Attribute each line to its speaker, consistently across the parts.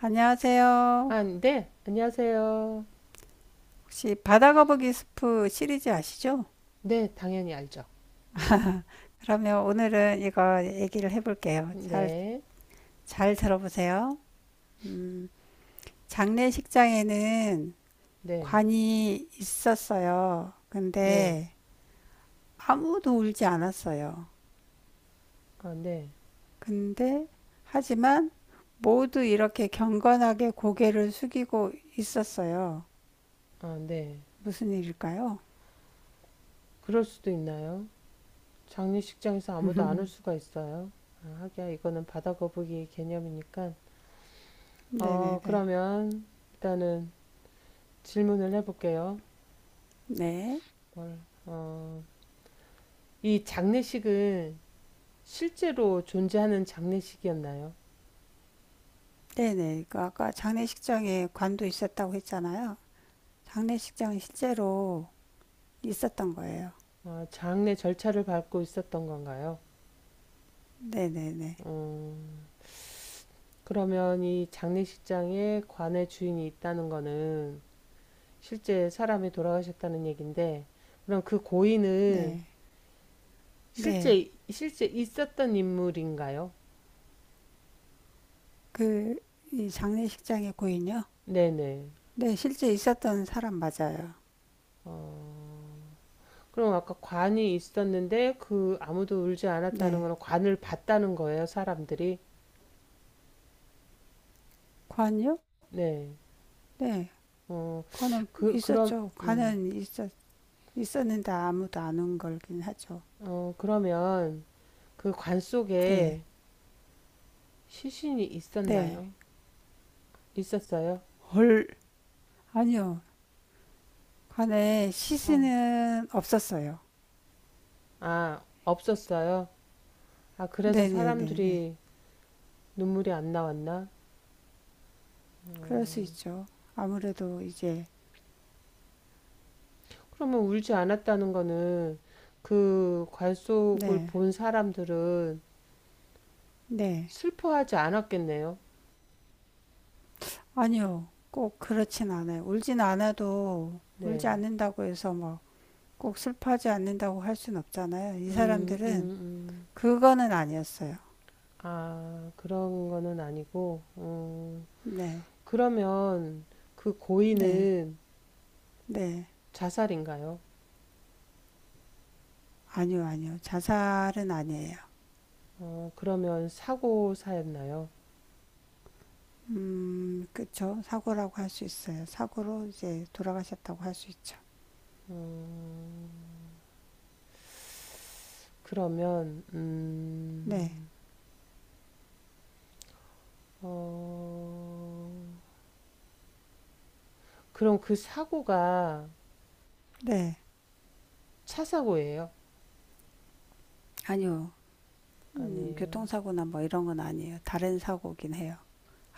Speaker 1: 안녕하세요.
Speaker 2: 아, 네, 안녕하세요.
Speaker 1: 혹시 바다거북이 스프 시리즈 아시죠?
Speaker 2: 네, 당연히 알죠.
Speaker 1: 그러면 오늘은 이거 얘기를 해볼게요.
Speaker 2: 네,
Speaker 1: 잘 들어보세요. 음, 장례식장에는
Speaker 2: 네,
Speaker 1: 관이 있었어요.
Speaker 2: 네,
Speaker 1: 근데 아무도 울지 않았어요.
Speaker 2: 아, 네,
Speaker 1: 근데 하지만 모두 이렇게 경건하게 고개를 숙이고 있었어요.
Speaker 2: 아, 네.
Speaker 1: 무슨 일일까요?
Speaker 2: 그럴 수도 있나요? 장례식장에서 아무도 안 올 수가 있어요. 아, 하기야, 이거는 바다 거북이 개념이니까.
Speaker 1: 네네네.
Speaker 2: 그러면 일단은 질문을 해볼게요.
Speaker 1: 네.
Speaker 2: 뭘, 어, 이 장례식은 실제로 존재하는 장례식이었나요?
Speaker 1: 네네. 그 아까 장례식장에 관도 있었다고 했잖아요. 장례식장은 실제로 있었던 거예요.
Speaker 2: 장례 절차를 밟고 있었던 건가요?
Speaker 1: 네네네.
Speaker 2: 어, 그러면 이 장례식장에 관의 주인이 있다는 거는 실제 사람이 돌아가셨다는 얘기인데 그럼 그 고인은
Speaker 1: 네. 네.
Speaker 2: 실제 있었던 인물인가요?
Speaker 1: 그, 이 장례식장의 고인요?
Speaker 2: 네네.
Speaker 1: 네, 실제 있었던 사람 맞아요.
Speaker 2: 어, 그럼 아까 관이 있었는데 그 아무도 울지 않았다는
Speaker 1: 네.
Speaker 2: 거는 관을 봤다는 거예요, 사람들이?
Speaker 1: 관요?
Speaker 2: 네.
Speaker 1: 네.
Speaker 2: 어,
Speaker 1: 관은
Speaker 2: 그, 그럼,
Speaker 1: 있었죠.
Speaker 2: 음,
Speaker 1: 있었는데 아무도 안 온 걸긴 하죠.
Speaker 2: 그러면 그 관
Speaker 1: 네.
Speaker 2: 속에 시신이
Speaker 1: 네.
Speaker 2: 있었나요? 있었어요?
Speaker 1: 헐. 아니요. 관에
Speaker 2: 어.
Speaker 1: 시신은 없었어요.
Speaker 2: 아, 없었어요? 아, 그래서
Speaker 1: 네네네네.
Speaker 2: 사람들이 눈물이 안 나왔나?
Speaker 1: 그럴 수 있죠. 아무래도 이제,
Speaker 2: 그러면 울지 않았다는 거는 그 관속을
Speaker 1: 네,
Speaker 2: 본 사람들은
Speaker 1: 네.
Speaker 2: 슬퍼하지 않았겠네요.
Speaker 1: 아니요, 꼭 그렇진 않아요. 울지
Speaker 2: 네.
Speaker 1: 않는다고 해서 막 꼭 슬퍼하지 않는다고 할 순 없잖아요. 이
Speaker 2: 음, 음,
Speaker 1: 사람들은
Speaker 2: 음.
Speaker 1: 그거는 아니었어요.
Speaker 2: 아, 그런 거는 아니고,
Speaker 1: 네,
Speaker 2: 그러면 그
Speaker 1: 네,
Speaker 2: 고인은
Speaker 1: 네.
Speaker 2: 자살인가요?
Speaker 1: 아니요, 아니요. 자살은 아니에요.
Speaker 2: 그러면 사고사였나요?
Speaker 1: 그쵸. 사고라고 할 수 있어요. 사고로 이제 돌아가셨다고 할 수 있죠.
Speaker 2: 그러면,
Speaker 1: 네,
Speaker 2: 음, 어, 그럼 그 사고가
Speaker 1: 네.
Speaker 2: 차 사고예요?
Speaker 1: 아니요.
Speaker 2: 아니에요.
Speaker 1: 교통사고나 뭐 이런 건 아니에요. 다른 사고긴 해요.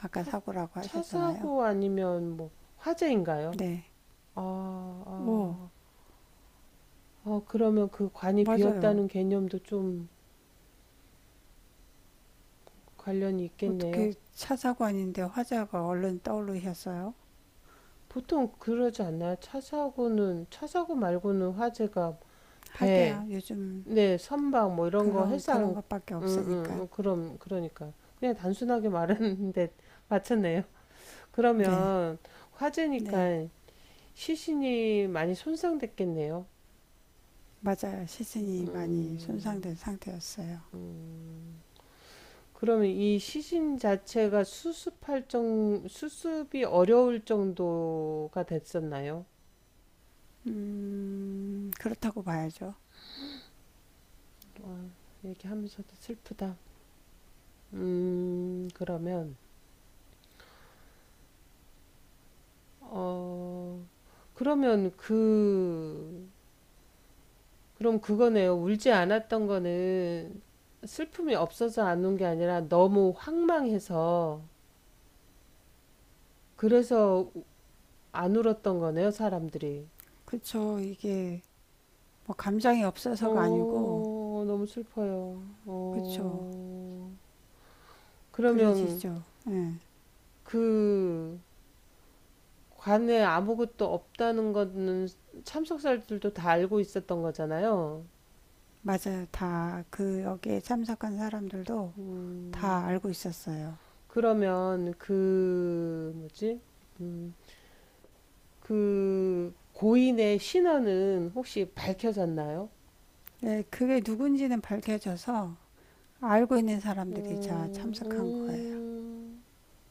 Speaker 1: 아까
Speaker 2: 차,
Speaker 1: 사고라고
Speaker 2: 차
Speaker 1: 하셨잖아요.
Speaker 2: 사고 아니면 뭐 화재인가요?
Speaker 1: 네.
Speaker 2: 아,
Speaker 1: 오,
Speaker 2: 아, 아, 그러면 그 관이
Speaker 1: 맞아요.
Speaker 2: 비었다는 개념도 좀 관련이 있겠네요.
Speaker 1: 어떻게 차 사고 아닌데 화재가 얼른 떠오르셨어요?
Speaker 2: 보통 그러지 않나요? 차 사고 말고는 화재가 배,
Speaker 1: 하게야, 요즘
Speaker 2: 네, 선박 뭐 이런 거
Speaker 1: 그런
Speaker 2: 해상,
Speaker 1: 것밖에 없으니까.
Speaker 2: 그러니까. 그냥 단순하게 말했는데 맞췄네요.
Speaker 1: 네,
Speaker 2: 그러면
Speaker 1: 네.
Speaker 2: 화재니까 시신이 많이 손상됐겠네요.
Speaker 1: 맞아요. 시신이 많이
Speaker 2: 음,
Speaker 1: 손상된 상태였어요.
Speaker 2: 음. 그러면 이 시신 자체가 수습이 어려울 정도가 됐었나요?
Speaker 1: 그렇다고 봐야죠.
Speaker 2: 얘기하면서도 슬프다. 음, 그러면, 어, 그러면 그럼 그거네요. 울지 않았던 거는 슬픔이 없어서 안 운 게 아니라 너무 황망해서 그래서 안 울었던 거네요, 사람들이.
Speaker 1: 그쵸. 이게 뭐 감정이 없어서가 아니고,
Speaker 2: 어, 너무 슬퍼요.
Speaker 1: 그쵸.
Speaker 2: 어, 그러면
Speaker 1: 그려지죠. 예.
Speaker 2: 그 관에 아무것도 없다는 거는 참석자들도 다 알고 있었던 거잖아요.
Speaker 1: 맞아요. 다 그 여기에 참석한 사람들도 다
Speaker 2: 음,
Speaker 1: 알고 있었어요.
Speaker 2: 그러면 그 뭐지? 음, 그 고인의 신원은 혹시 밝혀졌나요?
Speaker 1: 네, 그게 누군지는 밝혀져서 알고 있는 사람들이 다
Speaker 2: 음,
Speaker 1: 참석한 거예요.
Speaker 2: 음,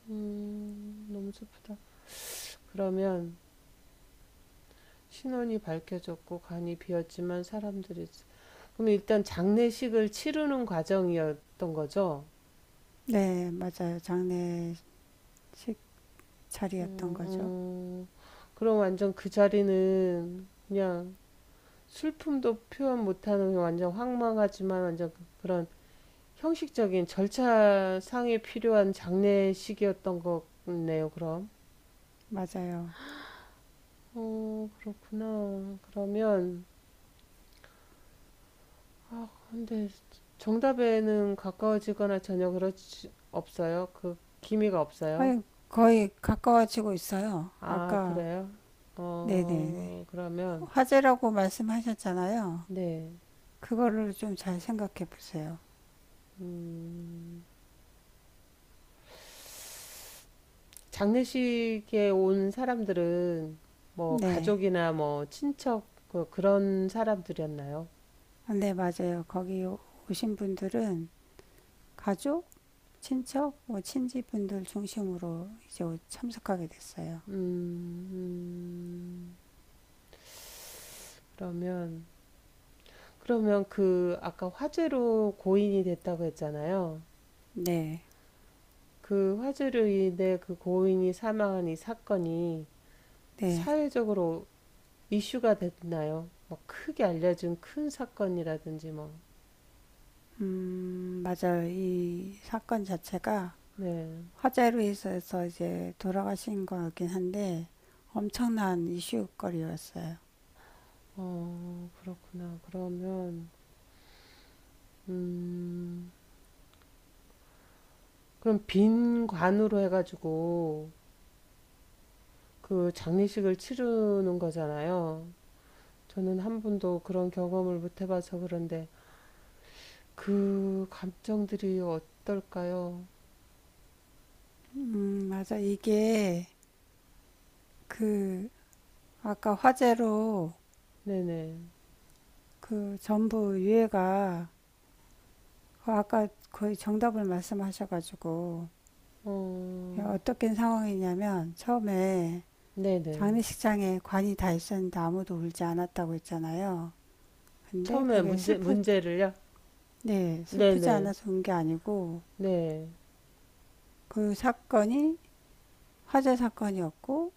Speaker 2: 너무 슬프다. 그러면 신원이 밝혀졌고 관이 비었지만 사람들이 그럼 일단 장례식을 치르는 과정이었던 거죠?
Speaker 1: 네, 맞아요. 장례식 자리였던 거죠.
Speaker 2: 어, 그럼 완전 그 자리는 그냥 슬픔도 표현 못하는 완전 황망하지만 그런 형식적인 절차상에 필요한 장례식이었던 거네요, 그럼.
Speaker 1: 맞아요.
Speaker 2: 어, 그렇구나. 그러면, 근데 정답에는 가까워지거나 전혀 그렇지, 없어요? 그 기미가 없어요?
Speaker 1: 아니, 거의 가까워지고 있어요.
Speaker 2: 아,
Speaker 1: 아까,
Speaker 2: 그래요?
Speaker 1: 네네.
Speaker 2: 어, 그러면,
Speaker 1: 화제라고 말씀하셨잖아요.
Speaker 2: 네.
Speaker 1: 그거를 좀 잘 생각해 보세요.
Speaker 2: 장례식에 온 사람들은 뭐
Speaker 1: 네.
Speaker 2: 가족이나 뭐 친척 그런 사람들이었나요?
Speaker 1: 아, 네, 맞아요. 오신 분들은 가족, 친척, 뭐 친지분들 중심으로 이제 참석하게 됐어요.
Speaker 2: 음, 그러면 그러면 그 아까 화재로 고인이 됐다고 했잖아요.
Speaker 1: 네,
Speaker 2: 그 화재로 인해 그 고인이 사망한 이 사건이
Speaker 1: 네.
Speaker 2: 사회적으로 이슈가 됐나요? 뭐 크게 알려진 큰 사건이라든지 뭐.
Speaker 1: 맞아요. 이 사건 자체가
Speaker 2: 네.
Speaker 1: 화재로 인해서 이제 돌아가신 거긴 한데 엄청난 이슈거리였어요.
Speaker 2: 어, 그렇구나. 그러면 음. 그럼 빈 관으로 해가지고 그 장례식을 치르는 거잖아요. 저는 한 번도 그런 경험을 못 해봐서 그런데 그 감정들이 어떨까요?
Speaker 1: 맞아. 이게 그 아까 화재로
Speaker 2: 네네.
Speaker 1: 그 전부 유해가 그 아까 거의 정답을 말씀하셔가지고
Speaker 2: 어,
Speaker 1: 어떻게 상황이냐면 처음에
Speaker 2: 네네.
Speaker 1: 장례식장에 관이 다 있었는데 아무도 울지 않았다고 했잖아요. 근데 그게 슬프,
Speaker 2: 문제를요?
Speaker 1: 네, 슬프지
Speaker 2: 네네.
Speaker 1: 않아서 운 게 아니고
Speaker 2: 네.
Speaker 1: 그 사건이 화재 사건이었고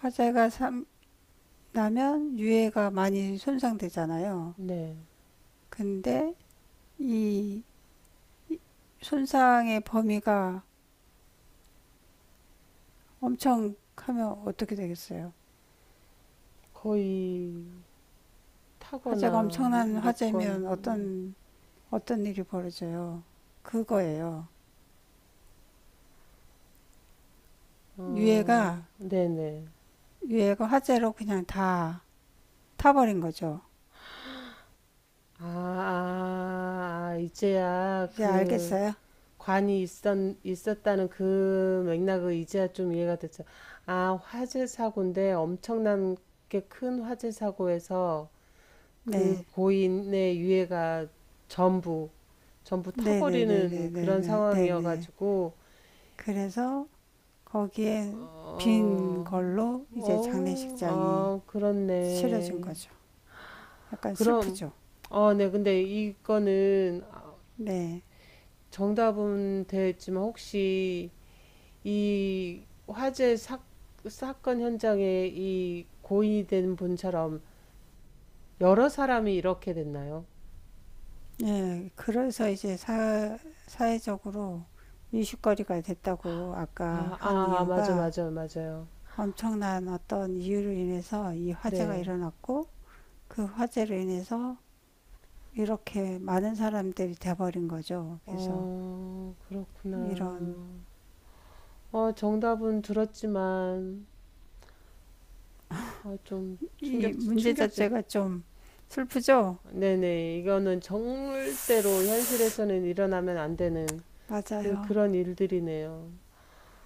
Speaker 1: 화재가 삼- 나면 유해가 많이 손상되잖아요.
Speaker 2: 네.
Speaker 1: 근데 이 손상의 범위가 엄청 하면 어떻게 되겠어요?
Speaker 2: 거의
Speaker 1: 화재가
Speaker 2: 타거나
Speaker 1: 엄청난
Speaker 2: 녹건,
Speaker 1: 화재면 어떤 일이 벌어져요? 그거예요. 유해가
Speaker 2: 어, 네네.
Speaker 1: 유해가 화재로 그냥 다 타버린 거죠.
Speaker 2: 아, 아, 아, 이제야
Speaker 1: 이제
Speaker 2: 그,
Speaker 1: 알겠어요?
Speaker 2: 관이 있었, 있었다는 그 맥락을 이제야 좀 이해가 됐죠. 아, 화재 사고인데 엄청난 게 큰 화재 사고에서 그
Speaker 1: 네.
Speaker 2: 고인의 유해가 전부, 전부
Speaker 1: 네, 네, 네, 네,
Speaker 2: 타버리는
Speaker 1: 네,
Speaker 2: 그런
Speaker 1: 네, 네, 네.
Speaker 2: 상황이어가지고,
Speaker 1: 그래서 거기에 빈
Speaker 2: 어,
Speaker 1: 걸로 이제
Speaker 2: 어,
Speaker 1: 장례식장이
Speaker 2: 아,
Speaker 1: 치러진
Speaker 2: 그렇네.
Speaker 1: 거죠. 약간
Speaker 2: 그럼,
Speaker 1: 슬프죠.
Speaker 2: 네, 근데 이거는 아,
Speaker 1: 네.
Speaker 2: 정답은 됐지만 혹시 이 화재 사, 사건 현장에 이 고인이 된 분처럼 여러 사람이 이렇게 됐나요?
Speaker 1: 네. 사회적으로 이슈거리가 됐다고 아까
Speaker 2: 아,
Speaker 1: 한
Speaker 2: 아, 아, 맞아,
Speaker 1: 이유가
Speaker 2: 맞아, 맞아요.
Speaker 1: 엄청난 어떤 이유로 인해서 이 화재가
Speaker 2: 네.
Speaker 1: 일어났고 그 화재로 인해서 이렇게 많은 사람들이 돼버린 거죠. 그래서
Speaker 2: 어,
Speaker 1: 이런
Speaker 2: 그렇구나. 어, 정답은 들었지만,
Speaker 1: 이 문제
Speaker 2: 충격적.
Speaker 1: 자체가 좀 슬프죠?
Speaker 2: 네네. 이거는 절대로 현실에서는 일어나면 안 되는
Speaker 1: 맞아요.
Speaker 2: 그런 일들이네요.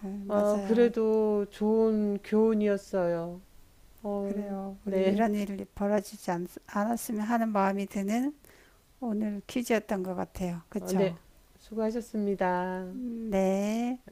Speaker 1: 네,
Speaker 2: 어,
Speaker 1: 맞아요.
Speaker 2: 그래도 좋은 교훈이었어요. 어,
Speaker 1: 그래요. 우리
Speaker 2: 네.
Speaker 1: 이런 일이 않았으면 하는 마음이 드는 오늘 퀴즈였던 것 같아요.
Speaker 2: 어, 네.
Speaker 1: 그쵸?
Speaker 2: 수고하셨습니다.
Speaker 1: 음. 네.